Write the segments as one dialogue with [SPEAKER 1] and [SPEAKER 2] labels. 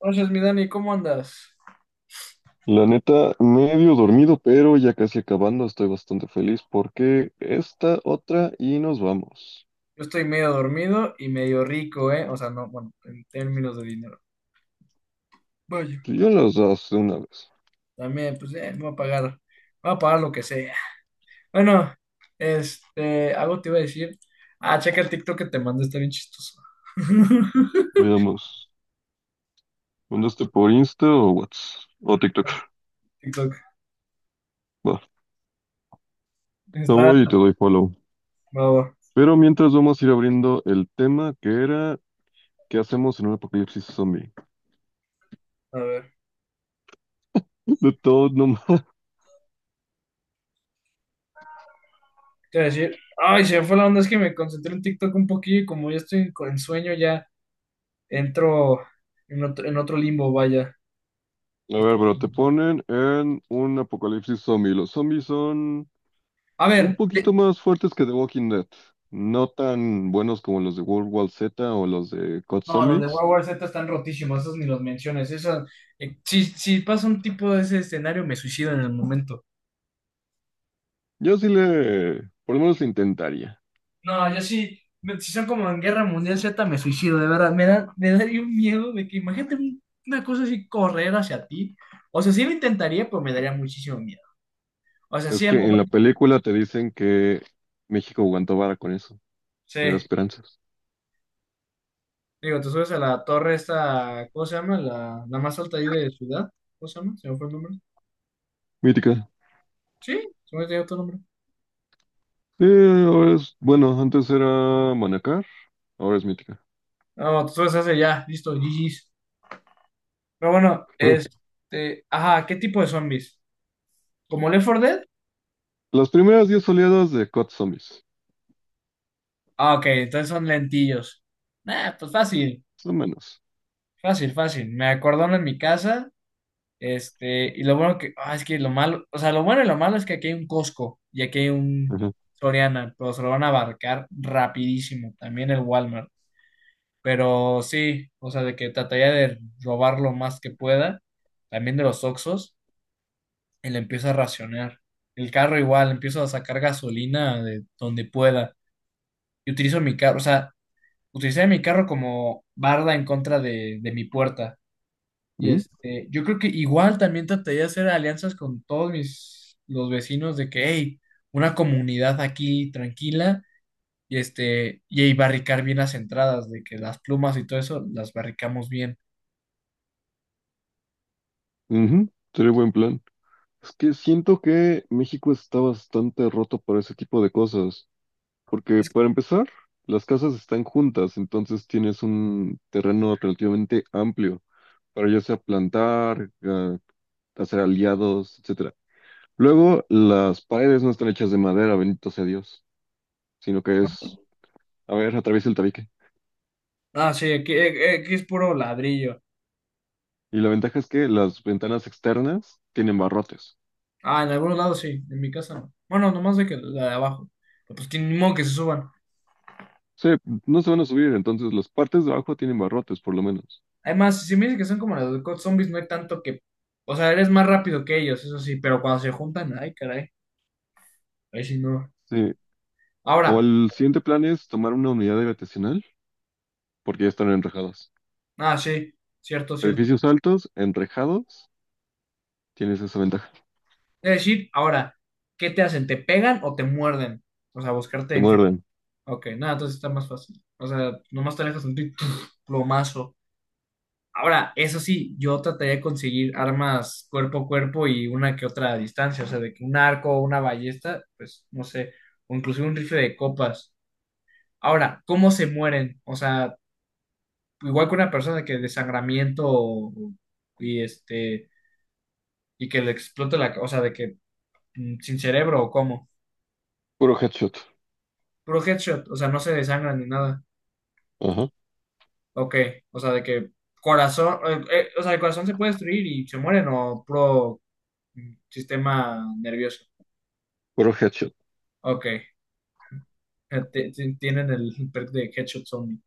[SPEAKER 1] Entonces, mi Dani, ¿cómo andas?
[SPEAKER 2] La neta, medio dormido, pero ya casi acabando, estoy bastante feliz porque esta otra y nos vamos.
[SPEAKER 1] Yo estoy medio dormido y medio rico, ¿eh? O sea, no, bueno, en términos de dinero. Vaya.
[SPEAKER 2] Pues yo las das de una vez.
[SPEAKER 1] También, pues, me voy a pagar lo que sea. Bueno, algo te iba a decir. Ah, checa el TikTok que te mandé, está bien chistoso.
[SPEAKER 2] Veamos, ¿mandaste por Insta o WhatsApp? O TikTok.
[SPEAKER 1] TikTok,
[SPEAKER 2] Va, te
[SPEAKER 1] está,
[SPEAKER 2] voy y te doy follow.
[SPEAKER 1] bravo.
[SPEAKER 2] Pero mientras vamos a ir abriendo el tema que era, ¿qué hacemos en un apocalipsis zombie?
[SPEAKER 1] A ver,
[SPEAKER 2] De todo, no.
[SPEAKER 1] te iba a decir, ay, se me fue la onda, es que me concentré en TikTok un poquillo y como ya estoy en sueño, ya entro en otro limbo, vaya.
[SPEAKER 2] A ver,
[SPEAKER 1] Esto-
[SPEAKER 2] pero te ponen en un apocalipsis zombie. Los zombies son.
[SPEAKER 1] A
[SPEAKER 2] Un
[SPEAKER 1] ver.
[SPEAKER 2] poquito más fuertes que The Walking Dead. No tan buenos como los de World War Z o los de Cod
[SPEAKER 1] No, los de
[SPEAKER 2] Zombies.
[SPEAKER 1] World War Z están rotísimos, esos ni los menciones. Eso, si pasa un tipo de ese escenario, me suicido en el momento.
[SPEAKER 2] Yo sí le, por lo menos le intentaría.
[SPEAKER 1] No, yo sí, si son como en Guerra Mundial Z, me suicido, de verdad. Me daría un miedo de que imagínate una cosa así correr hacia ti. O sea, sí lo intentaría, pero me daría muchísimo miedo. O sea,
[SPEAKER 2] Es
[SPEAKER 1] sí,
[SPEAKER 2] que en la película te dicen que México aguantó vara con eso. Me da
[SPEAKER 1] sí.
[SPEAKER 2] esperanzas.
[SPEAKER 1] Digo, te subes a la torre esta, ¿cómo se llama? La más alta ahí de ciudad. ¿Cómo se llama? ¿Se me fue el nombre?
[SPEAKER 2] Mítica.
[SPEAKER 1] Sí, se me olvidó tu nombre.
[SPEAKER 2] Ahora es, bueno, antes era Manacar, ahora es Mítica.
[SPEAKER 1] No, te subes a ese ya, listo, GG's. Pero bueno, ajá, ¿qué tipo de zombies? ¿Como Left 4 Dead?
[SPEAKER 2] Las primeras 10 oleadas de Cod Zombies.
[SPEAKER 1] Ah, ok, entonces son lentillos. Nah, pues fácil,
[SPEAKER 2] Más o menos.
[SPEAKER 1] fácil, fácil. Me acordaron en mi casa, y lo bueno que, es que lo malo, o sea, lo bueno y lo malo es que aquí hay un Costco y aquí hay un
[SPEAKER 2] Ajá.
[SPEAKER 1] Soriana, pero se lo van a abarcar rapidísimo, también el Walmart. Pero sí, o sea, de que trataría de robar lo más que pueda, también de los Oxxos. Él empieza a racionar. El carro igual, empiezo a sacar gasolina de donde pueda. Y utilizo mi carro, o sea, utilicé mi carro como barda en contra de mi puerta. Y
[SPEAKER 2] Ujú,
[SPEAKER 1] yo creo que igual también trataría de hacer alianzas con todos mis, los vecinos de que, hey, una comunidad aquí tranquila y y ahí barricar bien las entradas, de que las plumas y todo eso las barricamos bien.
[SPEAKER 2] ujú, sería buen plan. Es que siento que México está bastante roto para ese tipo de cosas. Porque para empezar, las casas están juntas, entonces tienes un terreno relativamente amplio para ya sea plantar, hacer aliados, etcétera. Luego, las paredes no están hechas de madera, bendito sea Dios, sino que es, a ver, atraviesa el tabique.
[SPEAKER 1] Ah, sí, aquí, aquí es puro ladrillo.
[SPEAKER 2] Y la ventaja es que las ventanas externas tienen barrotes.
[SPEAKER 1] Ah, en algunos lados sí, en mi casa no. Bueno, nomás de que la de abajo. Pero pues que ni modo que se suban.
[SPEAKER 2] Sí, no se van a subir, entonces las partes de abajo tienen barrotes, por lo menos.
[SPEAKER 1] Además, si me dicen que son como las de COD Zombies, no hay tanto que. O sea, eres más rápido que ellos, eso sí, pero cuando se juntan, ay, caray. Ahí sí no.
[SPEAKER 2] Sí. O
[SPEAKER 1] Ahora,
[SPEAKER 2] el siguiente plan es tomar una unidad habitacional, porque ya están enrejadas.
[SPEAKER 1] sí, cierto, cierto.
[SPEAKER 2] Edificios altos, enrejados. Tienes esa ventaja.
[SPEAKER 1] Es decir, ahora, ¿qué te hacen? ¿Te pegan o te muerden? O sea, buscarte
[SPEAKER 2] Te
[SPEAKER 1] infección.
[SPEAKER 2] muerden.
[SPEAKER 1] Ok, nada, entonces está más fácil. O sea, nomás te alejas un plomazo. Ahora, eso sí, yo trataría de conseguir armas cuerpo a cuerpo y una que otra a distancia, o sea, de que un arco o una ballesta, pues no sé, o inclusive un rifle de copas. Ahora, ¿cómo se mueren? O sea, igual que una persona que desangramiento y este y que le explote o sea, de que sin cerebro o cómo.
[SPEAKER 2] Puro headshot.
[SPEAKER 1] Puro headshot, o sea, no se desangran ni nada.
[SPEAKER 2] Ajá.
[SPEAKER 1] Ok, o sea, de que corazón, o sea, el corazón se puede destruir y se mueren o puro sistema nervioso.
[SPEAKER 2] Puro headshot.
[SPEAKER 1] Ok. Tienen el perk de Headshot Zombie.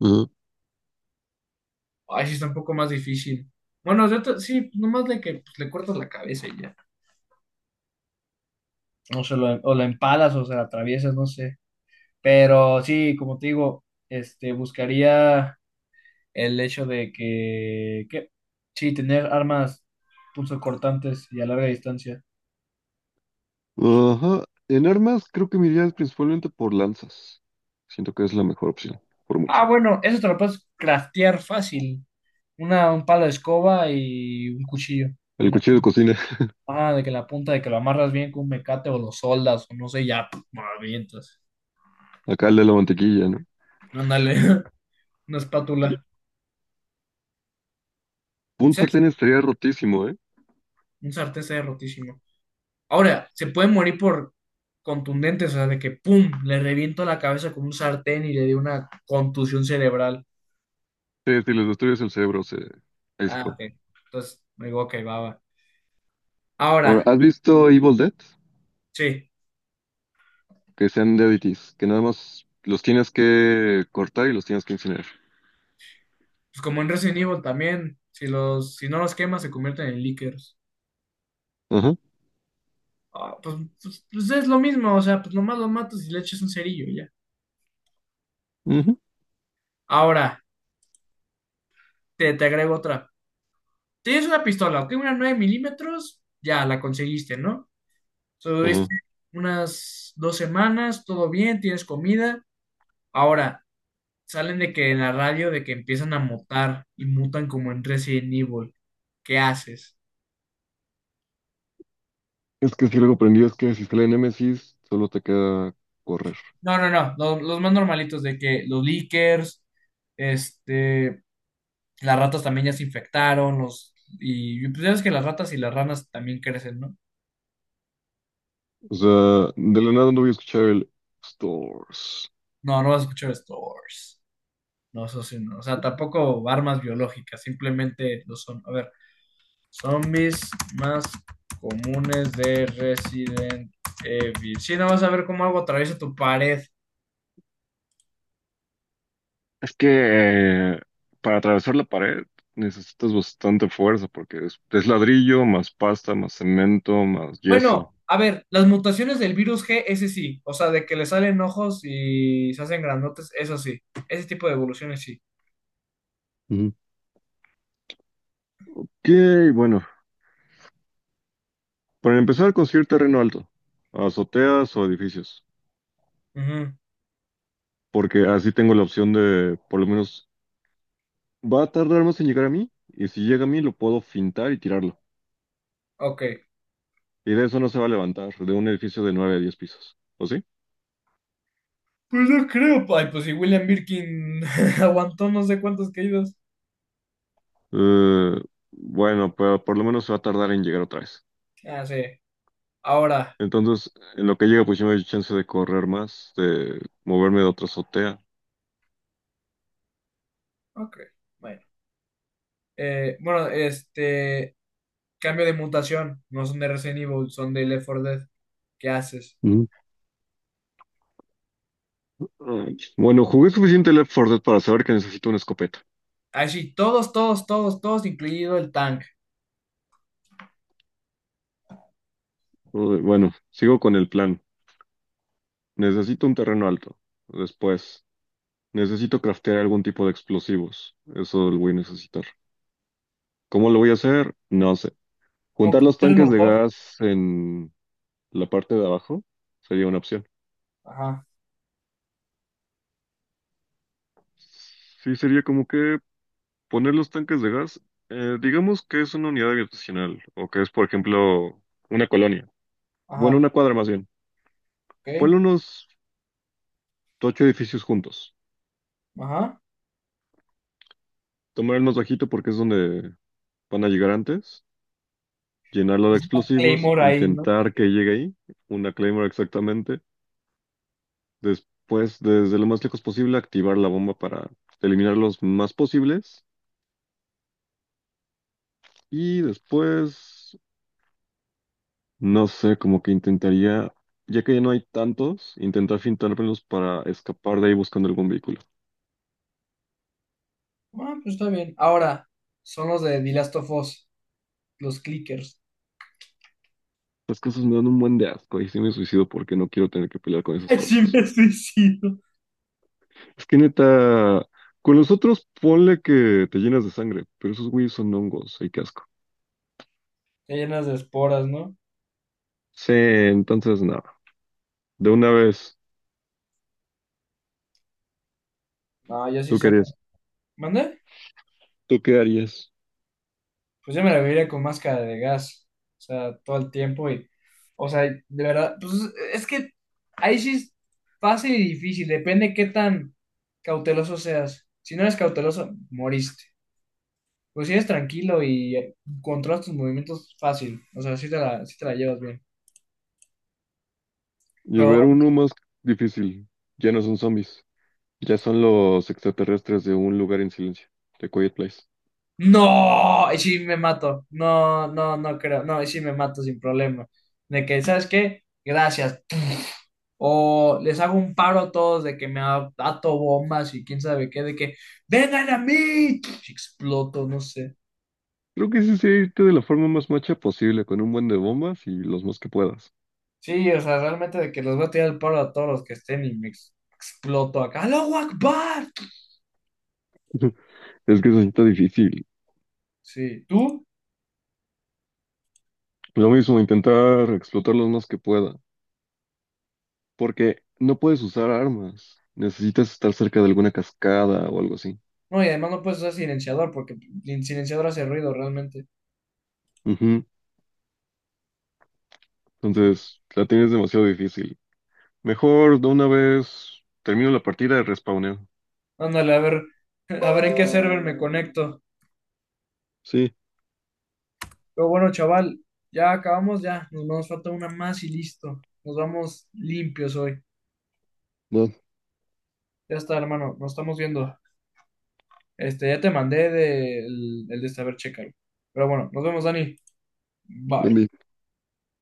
[SPEAKER 2] Ajá.
[SPEAKER 1] Ay, sí está un poco más difícil. Bueno, sí, pues, nomás de que pues, le cortas la cabeza y ya. O la empalas o se la atraviesas, no sé. Pero sí, como te digo, buscaría el hecho de que sí, tener armas punzocortantes y a larga distancia.
[SPEAKER 2] Ajá. En armas creo que me iría principalmente por lanzas. Siento que es la mejor opción, por mucho.
[SPEAKER 1] Ah, bueno, eso te lo puedes craftear fácil. Un palo de escoba y un cuchillo
[SPEAKER 2] El
[SPEAKER 1] en la.
[SPEAKER 2] cuchillo de cocina,
[SPEAKER 1] Ah, de que la punta, de que lo amarras bien con un mecate o lo soldas, o no sé, ya, puf, lo avientas.
[SPEAKER 2] acá el de la mantequilla, ¿no?
[SPEAKER 1] Ándale, una espátula.
[SPEAKER 2] Un
[SPEAKER 1] ¿Sabes?
[SPEAKER 2] sartén estaría rotísimo, ¿eh?
[SPEAKER 1] Un sartén está rotísimo. Ahora, se puede morir por contundentes, o sea, de que pum, le reviento la cabeza con un sartén y le di una contusión cerebral.
[SPEAKER 2] Sí, si les destruyes el cerebro, se, ahí se
[SPEAKER 1] Ah,
[SPEAKER 2] acabó.
[SPEAKER 1] ok. Entonces, me digo, ok, va, va. Ahora,
[SPEAKER 2] Ahora, ¿has visto Evil Dead?
[SPEAKER 1] sí,
[SPEAKER 2] Que sean deadities, que nada más los tienes que cortar y los tienes que incinerar.
[SPEAKER 1] pues como en Resident Evil también, si no los quemas, se convierten en lickers.
[SPEAKER 2] Ajá,
[SPEAKER 1] Ah, pues es lo mismo, o sea, pues nomás los matas y le echas un cerillo y ya.
[SPEAKER 2] ujú,
[SPEAKER 1] Ahora. Te agrego otra. Tienes una pistola, ok, una 9 milímetros, ya la conseguiste, ¿no? So,
[SPEAKER 2] ajá.
[SPEAKER 1] unas dos semanas, todo bien, tienes comida. Ahora, salen de que en la radio de que empiezan a mutar y mutan como en Resident Evil. ¿Qué haces?
[SPEAKER 2] Es que si luego aprendí es que si sale Nemesis, solo te queda correr.
[SPEAKER 1] No, no, no, los, más normalitos de que los leakers, este, las ratas también ya se infectaron, y pues ya ves que las ratas y las ranas también crecen, ¿no?
[SPEAKER 2] O sea, de la nada no voy a escuchar el Stores.
[SPEAKER 1] No, no vas a escuchar esto. No, eso sí, no. O sea, tampoco armas biológicas, simplemente lo son. A ver, zombies más comunes de Resident Evil. Sí, no vas a ver cómo algo atraviesa tu pared.
[SPEAKER 2] Es que eh, para atravesar la pared necesitas bastante fuerza porque es ladrillo, más pasta, más cemento, más yeso.
[SPEAKER 1] Bueno, a ver, las mutaciones del virus G, ese sí. O sea, de que le salen ojos y se hacen grandotes, eso sí. Ese tipo de evoluciones sí.
[SPEAKER 2] Ujú. Ok, bueno, para empezar construir terreno alto, azoteas o edificios,
[SPEAKER 1] Ujú,
[SPEAKER 2] porque así tengo la opción de por lo menos. Va a tardar más en llegar a mí, y si llega a mí lo puedo fintar y tirarlo.
[SPEAKER 1] ok.
[SPEAKER 2] Y de eso no se va a levantar, de un edificio de nueve a diez pisos, ¿o sí?
[SPEAKER 1] Pues no creo. Ay, pues si William Birkin aguantó no sé cuántas caídas.
[SPEAKER 2] Eh, bueno, pero por lo menos se va a tardar en llegar otra vez.
[SPEAKER 1] Ah, sí. Ahora.
[SPEAKER 2] Entonces, en lo que llega, pues yo me doy chance de correr más, de moverme de otra azotea.
[SPEAKER 1] Ok. Bueno. Eh, bueno, este. Cambio de mutación. No son de Resident Evil, son de Left 4 Dead. ¿Qué haces?
[SPEAKER 2] Mm. Ay, bueno, jugué suficiente Left 4 Dead para saber que necesito una escopeta.
[SPEAKER 1] Ah, sí, todos, todos, todos, todos, incluido el tank.
[SPEAKER 2] Uy, bueno, sigo con el plan. Necesito un terreno alto. Después, necesito craftear algún tipo de explosivos. Eso lo voy a necesitar. ¿Cómo lo voy a hacer? No sé.
[SPEAKER 1] Como
[SPEAKER 2] Juntar los
[SPEAKER 1] cócteles
[SPEAKER 2] tanques de
[SPEAKER 1] Molotov.
[SPEAKER 2] gas en la parte de abajo sería una opción.
[SPEAKER 1] Ajá,
[SPEAKER 2] Sí, sería como que poner los tanques de gas, digamos que es una unidad habitacional o que es, por ejemplo, una colonia. Bueno,
[SPEAKER 1] ajá,
[SPEAKER 2] una cuadra más bien.
[SPEAKER 1] ok,
[SPEAKER 2] Ponle unos ocho edificios juntos.
[SPEAKER 1] ajá.
[SPEAKER 2] Tomar el más bajito porque es donde van a llegar antes. Llenarlo de explosivos,
[SPEAKER 1] Claymore ahí, ¿no?
[SPEAKER 2] intentar que llegue ahí, una Claymore exactamente. Después, desde lo más lejos posible, activar la bomba para eliminar los más posibles. Y después, no sé, como que intentaría, ya que ya no hay tantos, intentar fintármelos para escapar de ahí buscando algún vehículo.
[SPEAKER 1] Ah, pues está bien. Ahora, son los de The Last of Us, los clickers.
[SPEAKER 2] Las cosas me dan un buen de asco y sí me suicido porque no quiero tener que pelear con esas
[SPEAKER 1] Ay, sí
[SPEAKER 2] cosas.
[SPEAKER 1] me suicido.
[SPEAKER 2] Es que neta, con los otros ponle que te llenas de sangre, pero esos güeyes son hongos, hay que asco.
[SPEAKER 1] Están llenas de esporas, ¿no?
[SPEAKER 2] Sí, entonces nada, de una vez,
[SPEAKER 1] No, ya sí
[SPEAKER 2] ¿tú qué
[SPEAKER 1] son.
[SPEAKER 2] harías?
[SPEAKER 1] ¿Mande?
[SPEAKER 2] ¿Tú qué harías?
[SPEAKER 1] Pues yo me la viviría con máscara de gas, o sea, todo el tiempo y, o sea, de verdad, pues es que ahí sí es fácil y difícil, depende qué tan cauteloso seas. Si no eres cauteloso, moriste. Pues si eres tranquilo y controlas tus movimientos fácil, o sea, sí te la llevas bien.
[SPEAKER 2] Y a ver,
[SPEAKER 1] Pero,
[SPEAKER 2] uno más difícil. Ya no son zombies. Ya son los extraterrestres de un lugar en silencio, de Quiet Place.
[SPEAKER 1] no, y sí me mato, no, no, no creo, no, y sí me mato sin problema. De que, ¿sabes qué? Gracias, o les hago un paro a todos de que me ato bombas y quién sabe qué, de que vengan a mí, exploto, no sé.
[SPEAKER 2] Creo que sí sí irte de la forma más macha posible, con un buen de bombas y los más que puedas.
[SPEAKER 1] Sí, o sea, realmente de que les voy a tirar el paro a todos los que estén y me exploto acá. ¡Aló, Akbar!
[SPEAKER 2] Es que eso sí está difícil.
[SPEAKER 1] Sí, ¿tú?
[SPEAKER 2] Lo mismo, intentar explotar los más que pueda. Porque no puedes usar armas. Necesitas estar cerca de alguna cascada o algo así.
[SPEAKER 1] No, y además no puedes usar silenciador porque el silenciador hace ruido realmente.
[SPEAKER 2] Ujú.
[SPEAKER 1] Sí.
[SPEAKER 2] Entonces, la tienes demasiado difícil. Mejor de una vez termino la partida de respawneo.
[SPEAKER 1] Ándale, a ver en qué server me conecto.
[SPEAKER 2] Sí,
[SPEAKER 1] Pero bueno, chaval, ya acabamos, ya. Nos falta una más y listo. Nos vamos limpios hoy.
[SPEAKER 2] no,
[SPEAKER 1] Ya está, hermano, nos estamos viendo. Ya te mandé el de saber checar. Pero bueno, nos vemos, Dani. Bye.
[SPEAKER 2] envío.